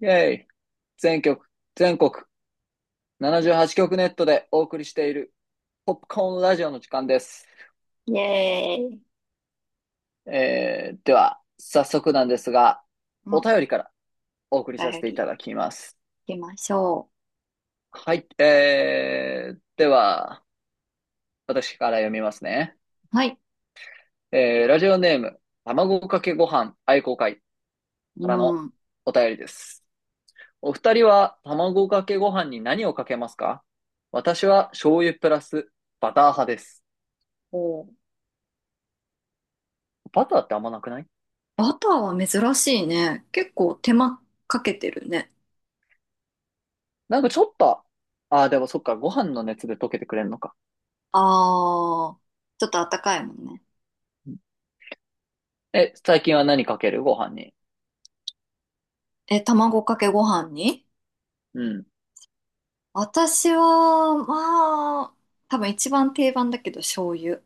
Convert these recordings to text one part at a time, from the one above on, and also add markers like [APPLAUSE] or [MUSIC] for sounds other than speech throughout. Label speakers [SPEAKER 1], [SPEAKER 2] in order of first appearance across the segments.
[SPEAKER 1] イェイ、全曲、全国、78曲ネットでお送りしている、ポップコーンラジオの時間です。
[SPEAKER 2] イエーイ。
[SPEAKER 1] では、早速なんですが、
[SPEAKER 2] うん、
[SPEAKER 1] お
[SPEAKER 2] お
[SPEAKER 1] 便りからお送りさせ
[SPEAKER 2] 便
[SPEAKER 1] てい
[SPEAKER 2] り
[SPEAKER 1] ただきます。
[SPEAKER 2] 行きましょ
[SPEAKER 1] はい、では、私から読みますね。
[SPEAKER 2] う。はい。
[SPEAKER 1] ラジオネーム、卵かけご飯愛好会から
[SPEAKER 2] う
[SPEAKER 1] の
[SPEAKER 2] ん。
[SPEAKER 1] お便りです。お二人は卵かけご飯に何をかけますか？私は醤油プラスバター派です。
[SPEAKER 2] お、
[SPEAKER 1] バターってあんまなくない？
[SPEAKER 2] バターは珍しいね。結構手間かけてるね。
[SPEAKER 1] なんかちょっと、ああ、でもそっか、ご飯の熱で溶けてくれんのか。
[SPEAKER 2] あー、ちょっとあったかいもんね。
[SPEAKER 1] うん。え、最近は何かけるご飯に？
[SPEAKER 2] え、卵かけご飯に
[SPEAKER 1] うん。
[SPEAKER 2] 私は、まあ、多分一番定番だけど醤油。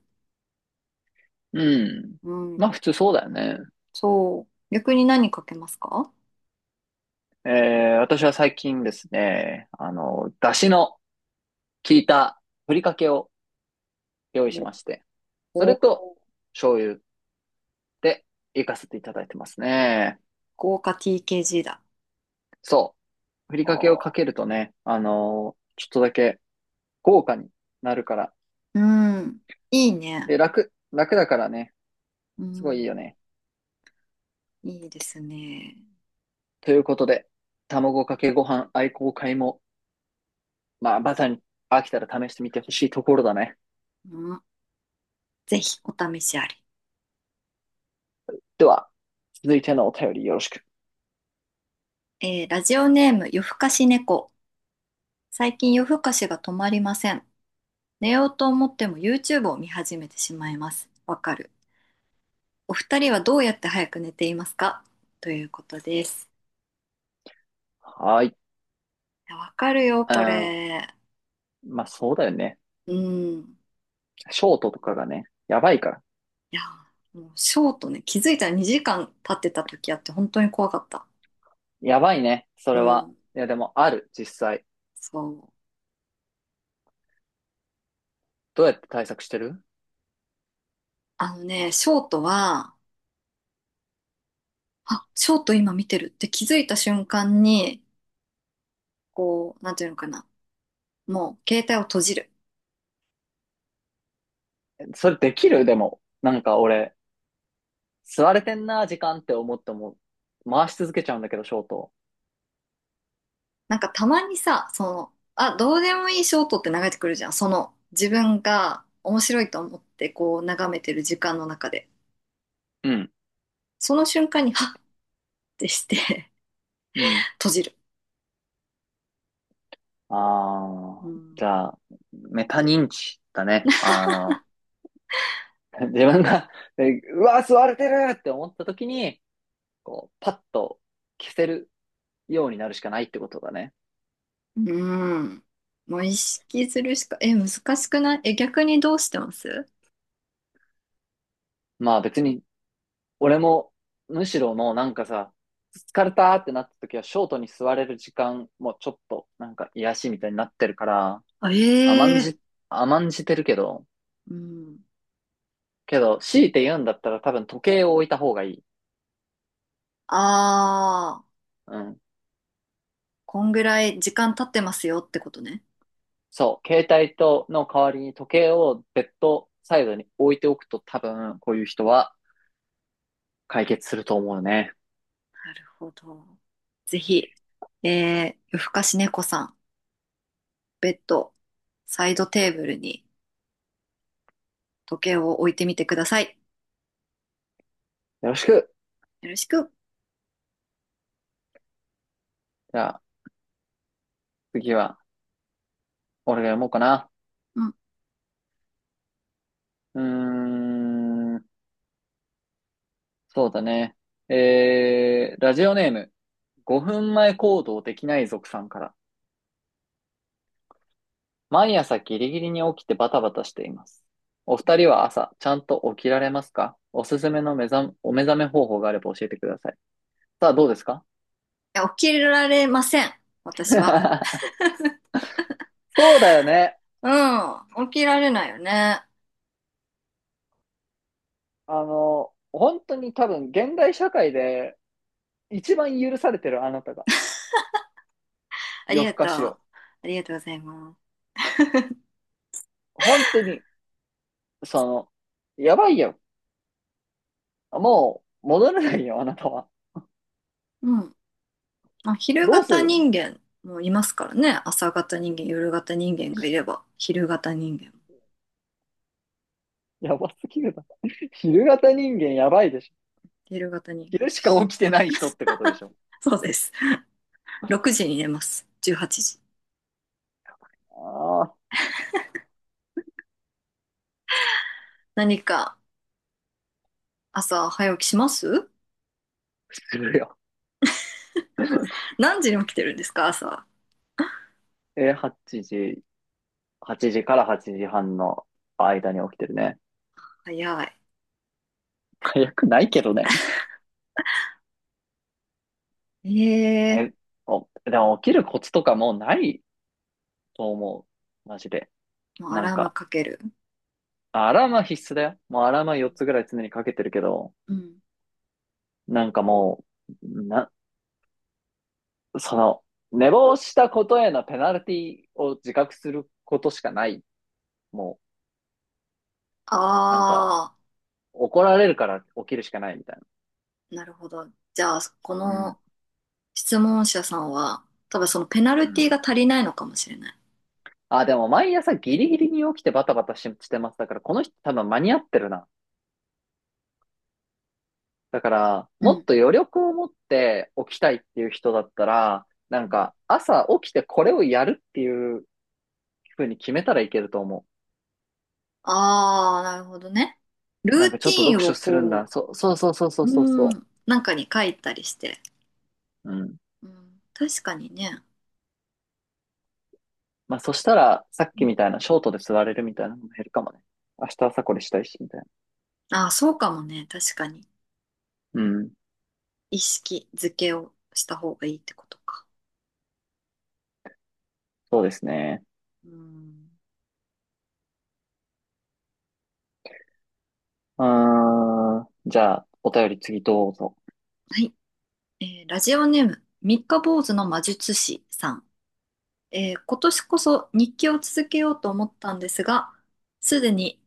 [SPEAKER 1] うん。
[SPEAKER 2] うん、
[SPEAKER 1] まあ普通そうだよね。
[SPEAKER 2] そう。逆に何かけますか？
[SPEAKER 1] 私は最近ですね、あの、出汁の効いたふりかけを用意しまして、そ
[SPEAKER 2] お、
[SPEAKER 1] れと
[SPEAKER 2] お、
[SPEAKER 1] 醤油でいかせていただいてますね。
[SPEAKER 2] 豪華 TKG だ。
[SPEAKER 1] そう。ふりかけをか
[SPEAKER 2] お、
[SPEAKER 1] けるとね、あのちょっとだけ豪華になるから。
[SPEAKER 2] うん、いいね。
[SPEAKER 1] で、楽だからね、
[SPEAKER 2] う
[SPEAKER 1] すごいいいよ
[SPEAKER 2] ん、
[SPEAKER 1] ね。
[SPEAKER 2] いいですね。
[SPEAKER 1] ということで、卵かけご飯愛好会も、まあ、まさに飽きたら試してみてほしいところだね。
[SPEAKER 2] うん、ぜひお試しあり。
[SPEAKER 1] では、続いてのお便りよろしく。
[SPEAKER 2] えー、ラジオネーム夜更かし猫。最近夜更かしが止まりません。寝ようと思っても YouTube を見始めてしまいます。わかる。お二人はどうやって早く寝ていますか？ということです。
[SPEAKER 1] はーい。
[SPEAKER 2] いや、わかるよ、
[SPEAKER 1] う
[SPEAKER 2] こ
[SPEAKER 1] ん。
[SPEAKER 2] れ。
[SPEAKER 1] まあ、そうだよね。
[SPEAKER 2] うん。
[SPEAKER 1] ショートとかがね、やばいから。
[SPEAKER 2] いや、もうショートね、気づいたら2時間経ってた時あって本当に怖かった。
[SPEAKER 1] やばいね、それ
[SPEAKER 2] う
[SPEAKER 1] は。
[SPEAKER 2] ん。
[SPEAKER 1] いや、でも、ある、実際。
[SPEAKER 2] そう。
[SPEAKER 1] どうやって対策してる？
[SPEAKER 2] あのね、ショートは、あ、ショート今見てるって気づいた瞬間に、こう、なんていうのかな。もう携帯を閉じる。
[SPEAKER 1] それできる。でも、なんか俺、吸われてんな、時間って思っても、回し続けちゃうんだけど、ショート。
[SPEAKER 2] なんかたまにさ、その、あ、どうでもいいショートって流れてくるじゃん。その、自分が面白いと思ってこう眺めてる時間の中で。
[SPEAKER 1] うん。
[SPEAKER 2] その瞬間に、はっってして
[SPEAKER 1] う
[SPEAKER 2] [LAUGHS]
[SPEAKER 1] ん。
[SPEAKER 2] 閉じる。う
[SPEAKER 1] ああ、
[SPEAKER 2] ん。
[SPEAKER 1] じゃあ、メタ認知だね。あの、[LAUGHS] 自分が、えうわ、吸われてるって思った時に、こう、パッと消せるようになるしかないってことだね。
[SPEAKER 2] うん。もう意識するしか、え、難しくない？え、逆にどうしてます？
[SPEAKER 1] まあ別に、俺も、むしろもうなんかさ、疲れたってなった時は、ショートに座れる時間もちょっと、なんか癒しみたいになってるから、甘ん
[SPEAKER 2] あ、ええ、
[SPEAKER 1] じ、甘んじてるけど、
[SPEAKER 2] うん。
[SPEAKER 1] けど、強いて言うんだったら多分時計を置いた方がいい。
[SPEAKER 2] ああ、
[SPEAKER 1] うん。
[SPEAKER 2] こんぐらい時間経ってますよってことね。
[SPEAKER 1] そう、携帯との代わりに時計をベッドサイドに置いておくと多分、こういう人は解決すると思うね。
[SPEAKER 2] なるほど。ぜひ、えー、夜更かし猫さん。ベッド、サイドテーブルに時計を置いてみてください。
[SPEAKER 1] よろしく。
[SPEAKER 2] よろしく。
[SPEAKER 1] じゃあ、次は、俺が読もうかな。
[SPEAKER 2] うん。い
[SPEAKER 1] うーん、そうだね。ラジオネーム、5分前行動できない族さんから。毎朝ギリギリに起きてバタバタしています。お二人は朝、ちゃんと起きられますか？おすすめのお目覚め方法があれば教えてください。さあ、どうですか？
[SPEAKER 2] や、起きられません。私は。
[SPEAKER 1] [LAUGHS] そうだよね。
[SPEAKER 2] うん。起きられないよね。
[SPEAKER 1] あの、本当に多分、現代社会で一番許されてるあなたが、
[SPEAKER 2] あり
[SPEAKER 1] 夜更
[SPEAKER 2] が
[SPEAKER 1] か
[SPEAKER 2] とう。
[SPEAKER 1] し
[SPEAKER 2] あ
[SPEAKER 1] を。
[SPEAKER 2] りがとうございます。
[SPEAKER 1] 本当にその、やばいよ。もう、戻れないよ、あなたは。
[SPEAKER 2] うん。まあ、昼
[SPEAKER 1] どうす
[SPEAKER 2] 型
[SPEAKER 1] るの？
[SPEAKER 2] 人間もいますからね。朝型人間、夜型人間がい
[SPEAKER 1] [LAUGHS]
[SPEAKER 2] れば、昼型人間も。
[SPEAKER 1] やばすぎるな。[LAUGHS] 昼型人間やばいでしょ。
[SPEAKER 2] 昼型人間
[SPEAKER 1] 昼
[SPEAKER 2] で
[SPEAKER 1] しか
[SPEAKER 2] す。
[SPEAKER 1] 起きてない人ってことでしょ。
[SPEAKER 2] そうです。6時に寝ます。18時。
[SPEAKER 1] ああ、
[SPEAKER 2] 何か朝早起きします？
[SPEAKER 1] するよ。
[SPEAKER 2] 何時に起きてるんですか朝。
[SPEAKER 1] え8時、8時から8時半の間に起きてるね。
[SPEAKER 2] 早い。
[SPEAKER 1] 早くないけどね。
[SPEAKER 2] ええ、
[SPEAKER 1] え、お、でも起きるコツとかもうないと思う。マジで。
[SPEAKER 2] もうア
[SPEAKER 1] なん
[SPEAKER 2] ラーム
[SPEAKER 1] か、
[SPEAKER 2] かける。
[SPEAKER 1] アラームは必須だよ。もうアラームは4つぐらい常にかけてるけど、
[SPEAKER 2] うん。
[SPEAKER 1] なんかもう、な、その、寝坊したことへのペナルティを自覚することしかない。も
[SPEAKER 2] あ
[SPEAKER 1] う、なんか、
[SPEAKER 2] あ、
[SPEAKER 1] 怒られるから起きるしかないみたいな。
[SPEAKER 2] なるほど。じゃあ、こ
[SPEAKER 1] うん。
[SPEAKER 2] の質問者さんは、多分そのペナ
[SPEAKER 1] う
[SPEAKER 2] ルティ
[SPEAKER 1] ん。
[SPEAKER 2] が足りないのかもしれない。
[SPEAKER 1] あ、でも毎朝ギリギリに起きてバタバタし、してます。だからこの人多分間に合ってるな。だから、
[SPEAKER 2] う
[SPEAKER 1] もっ
[SPEAKER 2] ん。
[SPEAKER 1] と余力を持って起きたいっていう人だったら、な
[SPEAKER 2] う
[SPEAKER 1] ん
[SPEAKER 2] ん。
[SPEAKER 1] か朝起きてこれをやるっていうふうに決めたらいけると思
[SPEAKER 2] ああ、なるほどね。ル
[SPEAKER 1] う。なんか
[SPEAKER 2] ー
[SPEAKER 1] ち
[SPEAKER 2] テ
[SPEAKER 1] ょっと
[SPEAKER 2] ィー
[SPEAKER 1] 読
[SPEAKER 2] ンを
[SPEAKER 1] 書するんだ。
[SPEAKER 2] こ
[SPEAKER 1] そうそうそうそ
[SPEAKER 2] う、
[SPEAKER 1] うそう
[SPEAKER 2] う
[SPEAKER 1] そ
[SPEAKER 2] ん、なんかに書いたりして。
[SPEAKER 1] う。うん。
[SPEAKER 2] うん、確かにね。
[SPEAKER 1] まあ、そしたら、さっ
[SPEAKER 2] う
[SPEAKER 1] き
[SPEAKER 2] ん、
[SPEAKER 1] みたいなショートで座れるみたいなのも減るかもね。明日朝これしたいし、みたいな。
[SPEAKER 2] ああ、そうかもね。確かに。
[SPEAKER 1] うん。
[SPEAKER 2] 意識づけをした方がいいってことか。
[SPEAKER 1] そうですね。
[SPEAKER 2] うん、
[SPEAKER 1] うーん。じゃあ、お便り次どうぞ。
[SPEAKER 2] はい。えー、ラジオネーム、三日坊主の魔術師さん。えー今年こそ日記を続けようと思ったんですが、すでに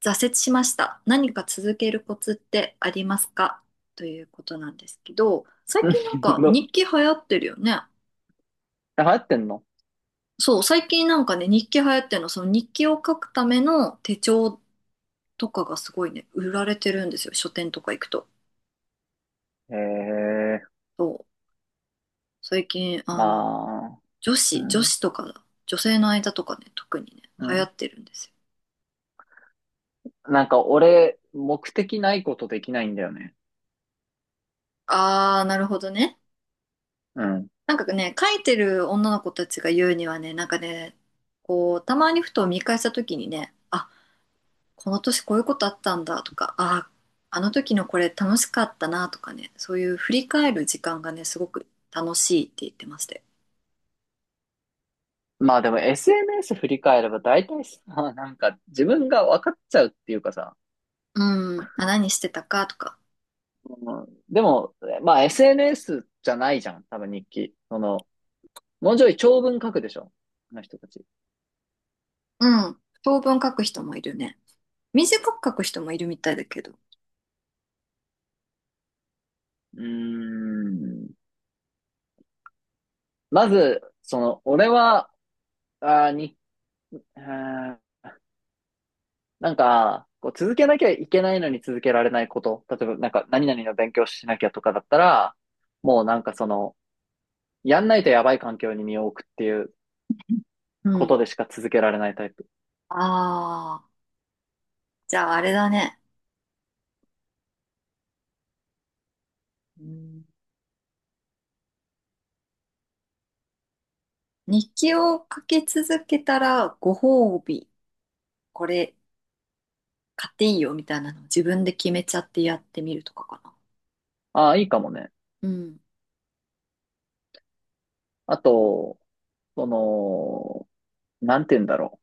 [SPEAKER 2] 挫折しました。何か続けるコツってありますか？ということなんですけど、
[SPEAKER 1] [LAUGHS]
[SPEAKER 2] 最
[SPEAKER 1] う
[SPEAKER 2] 近なん
[SPEAKER 1] ん
[SPEAKER 2] か
[SPEAKER 1] の、
[SPEAKER 2] 日記流行ってるよね。
[SPEAKER 1] 流行ってんの？
[SPEAKER 2] そう、最近なんかね、日記流行ってるの、その日記を書くための手帳とかがすごいね、売られてるんですよ。書店とか行くと。
[SPEAKER 1] へえ。
[SPEAKER 2] そう、最近、あの、
[SPEAKER 1] まあ、
[SPEAKER 2] 女
[SPEAKER 1] う
[SPEAKER 2] 子、女
[SPEAKER 1] ん、
[SPEAKER 2] 子とか、女性の間とかね、特にね、
[SPEAKER 1] う
[SPEAKER 2] 流行
[SPEAKER 1] ん。
[SPEAKER 2] ってるんですよ。
[SPEAKER 1] なんか俺、目的ないことできないんだよね。
[SPEAKER 2] あー、なるほどね。
[SPEAKER 1] うん。
[SPEAKER 2] なんかね、書いてる女の子たちが言うにはね、なんかね、こう、たまにふと見返した時にね、あ、この年こういうことあったんだとか、あ、あの時のこれ楽しかったなとかね、そういう振り返る時間がね、すごく楽しいって言ってまして。
[SPEAKER 1] まあでも SNS 振り返れば大体さ、[LAUGHS] なんか自分が分かっちゃうっていうかさ、
[SPEAKER 2] うん。あ、何してたかとか。
[SPEAKER 1] うん、でも、まあ SNS じゃないじゃん、多分日記。その、もうちょい長文書くでしょ、あの人たち。う
[SPEAKER 2] うん。長文書く人もいるね。短く書く人もいるみたいだけど。
[SPEAKER 1] ーん。まず、その、俺は、あに、あなんか、こう続けなきゃいけないのに続けられないこと。例えば、なんか、何々の勉強しなきゃとかだったら、もうなんかその、やんないとやばい環境に身を置くっていう
[SPEAKER 2] う
[SPEAKER 1] こ
[SPEAKER 2] ん。
[SPEAKER 1] とでしか続けられないタイプ。
[SPEAKER 2] ああ、じゃああれだね。うん、日記を書き続けたらご褒美。これ買っていいよみたいなのを自分で決めちゃってやってみるとかかな。
[SPEAKER 1] ああ、いいかもね。
[SPEAKER 2] うん。
[SPEAKER 1] あと、その、なんて言うんだろう。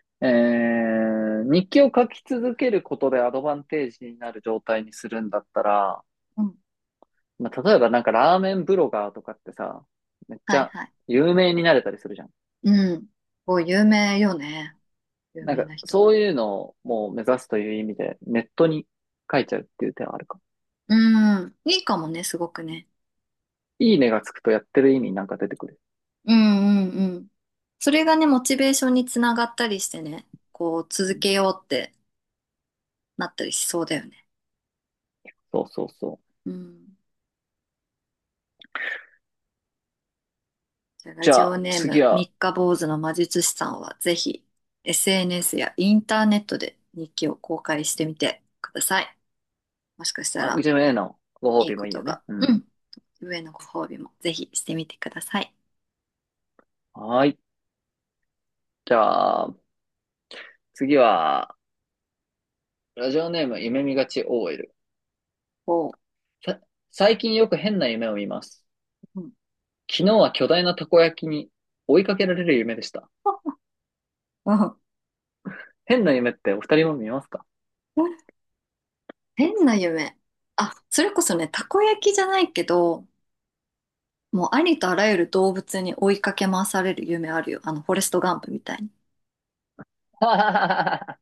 [SPEAKER 1] え日記を書き続けることでアドバンテージになる状態にするんだったら、
[SPEAKER 2] うん、
[SPEAKER 1] まあ、例えばなんかラーメンブロガーとかってさ、めっち
[SPEAKER 2] はい
[SPEAKER 1] ゃ
[SPEAKER 2] はい。
[SPEAKER 1] 有名になれたりするじゃん。
[SPEAKER 2] うん。こう、有名よね。有
[SPEAKER 1] なん
[SPEAKER 2] 名
[SPEAKER 1] か
[SPEAKER 2] な人はね。
[SPEAKER 1] そういうのをもう目指すという意味でネットに書いちゃうっていう手はあるか。
[SPEAKER 2] うん。いいかもね、すごくね。
[SPEAKER 1] いいねがつくとやってる意味なんか出てくる。
[SPEAKER 2] うんうんうん。それがね、モチベーションにつながったりしてね、こう、
[SPEAKER 1] う
[SPEAKER 2] 続
[SPEAKER 1] ん、
[SPEAKER 2] けようってなったりしそうだよね。
[SPEAKER 1] そうそうそう。
[SPEAKER 2] うん。じゃあ、ラ
[SPEAKER 1] じ
[SPEAKER 2] ジ
[SPEAKER 1] ゃ
[SPEAKER 2] オ
[SPEAKER 1] あ
[SPEAKER 2] ネー
[SPEAKER 1] 次
[SPEAKER 2] ム、
[SPEAKER 1] は、
[SPEAKER 2] 三日坊主の魔術師さんは、ぜひ、SNS やインターネットで日記を公開してみてください。もしかした
[SPEAKER 1] あ、う
[SPEAKER 2] ら、
[SPEAKER 1] ちへのご褒
[SPEAKER 2] いい
[SPEAKER 1] 美も
[SPEAKER 2] こ
[SPEAKER 1] いい
[SPEAKER 2] と
[SPEAKER 1] よね。
[SPEAKER 2] が。
[SPEAKER 1] う
[SPEAKER 2] う
[SPEAKER 1] ん。
[SPEAKER 2] ん、上のご褒美もぜひしてみてください。
[SPEAKER 1] はーい。じゃあ次は、ラジオネーム夢見がち OL。
[SPEAKER 2] おう。
[SPEAKER 1] さ、最近よく変な夢を見ます。
[SPEAKER 2] うん。
[SPEAKER 1] 昨日は巨大なたこ焼きに追いかけられる夢でした。
[SPEAKER 2] うん、
[SPEAKER 1] 変な夢ってお二人も見ますか？
[SPEAKER 2] 変な夢。あ、それこそね、たこ焼きじゃないけど、もうありとあらゆる動物に追いかけ回される夢あるよ。あの、フォレストガンプみたいに。
[SPEAKER 1] [LAUGHS]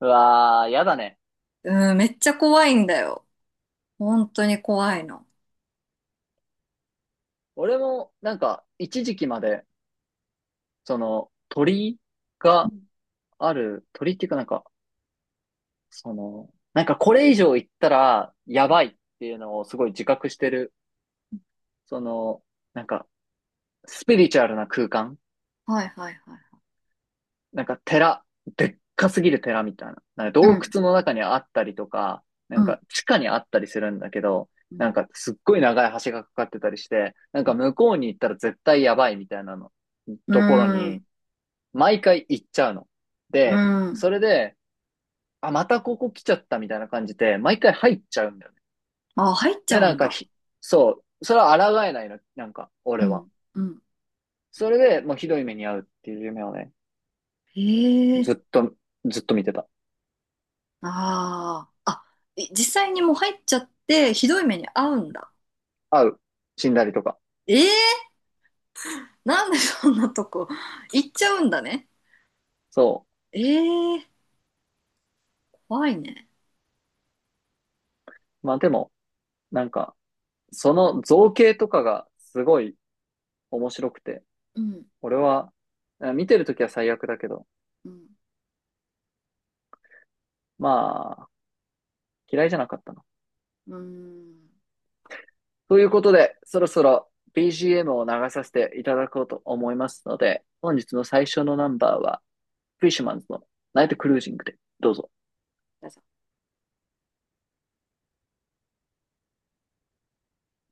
[SPEAKER 1] うわー、やだね。
[SPEAKER 2] うん、めっちゃ怖いんだよ。本当に怖いの。
[SPEAKER 1] 俺も、なんか、一時期まで、その、鳥
[SPEAKER 2] う
[SPEAKER 1] が
[SPEAKER 2] ん、
[SPEAKER 1] ある、鳥っていうかなんか、その、なんかこれ以上行ったら、やばいっていうのをすごい自覚してる、その、なんか、スピリチュアルな空間
[SPEAKER 2] はいはいはい。
[SPEAKER 1] なんか寺、でっかすぎる寺みたいな。なんか
[SPEAKER 2] う
[SPEAKER 1] 洞
[SPEAKER 2] ん、
[SPEAKER 1] 窟の中にあったりとか、な
[SPEAKER 2] う
[SPEAKER 1] ん
[SPEAKER 2] ん、
[SPEAKER 1] か地下にあったりするんだけど、
[SPEAKER 2] うん、
[SPEAKER 1] なんかすっごい長い橋がかかってたりして、なんか向こうに行ったら絶対やばいみたいなの、
[SPEAKER 2] う
[SPEAKER 1] ところ
[SPEAKER 2] ん、
[SPEAKER 1] に、毎回行っちゃうの。
[SPEAKER 2] う
[SPEAKER 1] で、
[SPEAKER 2] ん。
[SPEAKER 1] それで、あ、またここ来ちゃったみたいな感じで、毎回入っちゃうんだよね。
[SPEAKER 2] あ、入っちゃ
[SPEAKER 1] で、
[SPEAKER 2] う
[SPEAKER 1] なん
[SPEAKER 2] ん
[SPEAKER 1] か
[SPEAKER 2] だ。
[SPEAKER 1] ひ、そう、それは抗えないの、なんか、
[SPEAKER 2] う
[SPEAKER 1] 俺は。
[SPEAKER 2] ん、うん。
[SPEAKER 1] それで、もうひどい目に遭うっていう夢をね、
[SPEAKER 2] へえ。
[SPEAKER 1] ずっと、ずっと見てた。
[SPEAKER 2] ああ。あ、い実際にもう入っちゃって、ひどい目に遭うんだ。
[SPEAKER 1] 会う。死んだりとか。
[SPEAKER 2] ええー、なんでそんなとこ行っちゃうんだね。
[SPEAKER 1] そ
[SPEAKER 2] ええー、怖いね。
[SPEAKER 1] う。まあでも、なんか、その造形とかがすごい面白くて、
[SPEAKER 2] うん、
[SPEAKER 1] 俺は、あ見てるときは最悪だけど、
[SPEAKER 2] うん、
[SPEAKER 1] まあ、嫌いじゃなかったな。
[SPEAKER 2] うーん。
[SPEAKER 1] ということで、そろそろ BGM を流させていただこうと思いますので、本日の最初のナンバーは、フィッシュマンズのナイトクルージングで、どうぞ。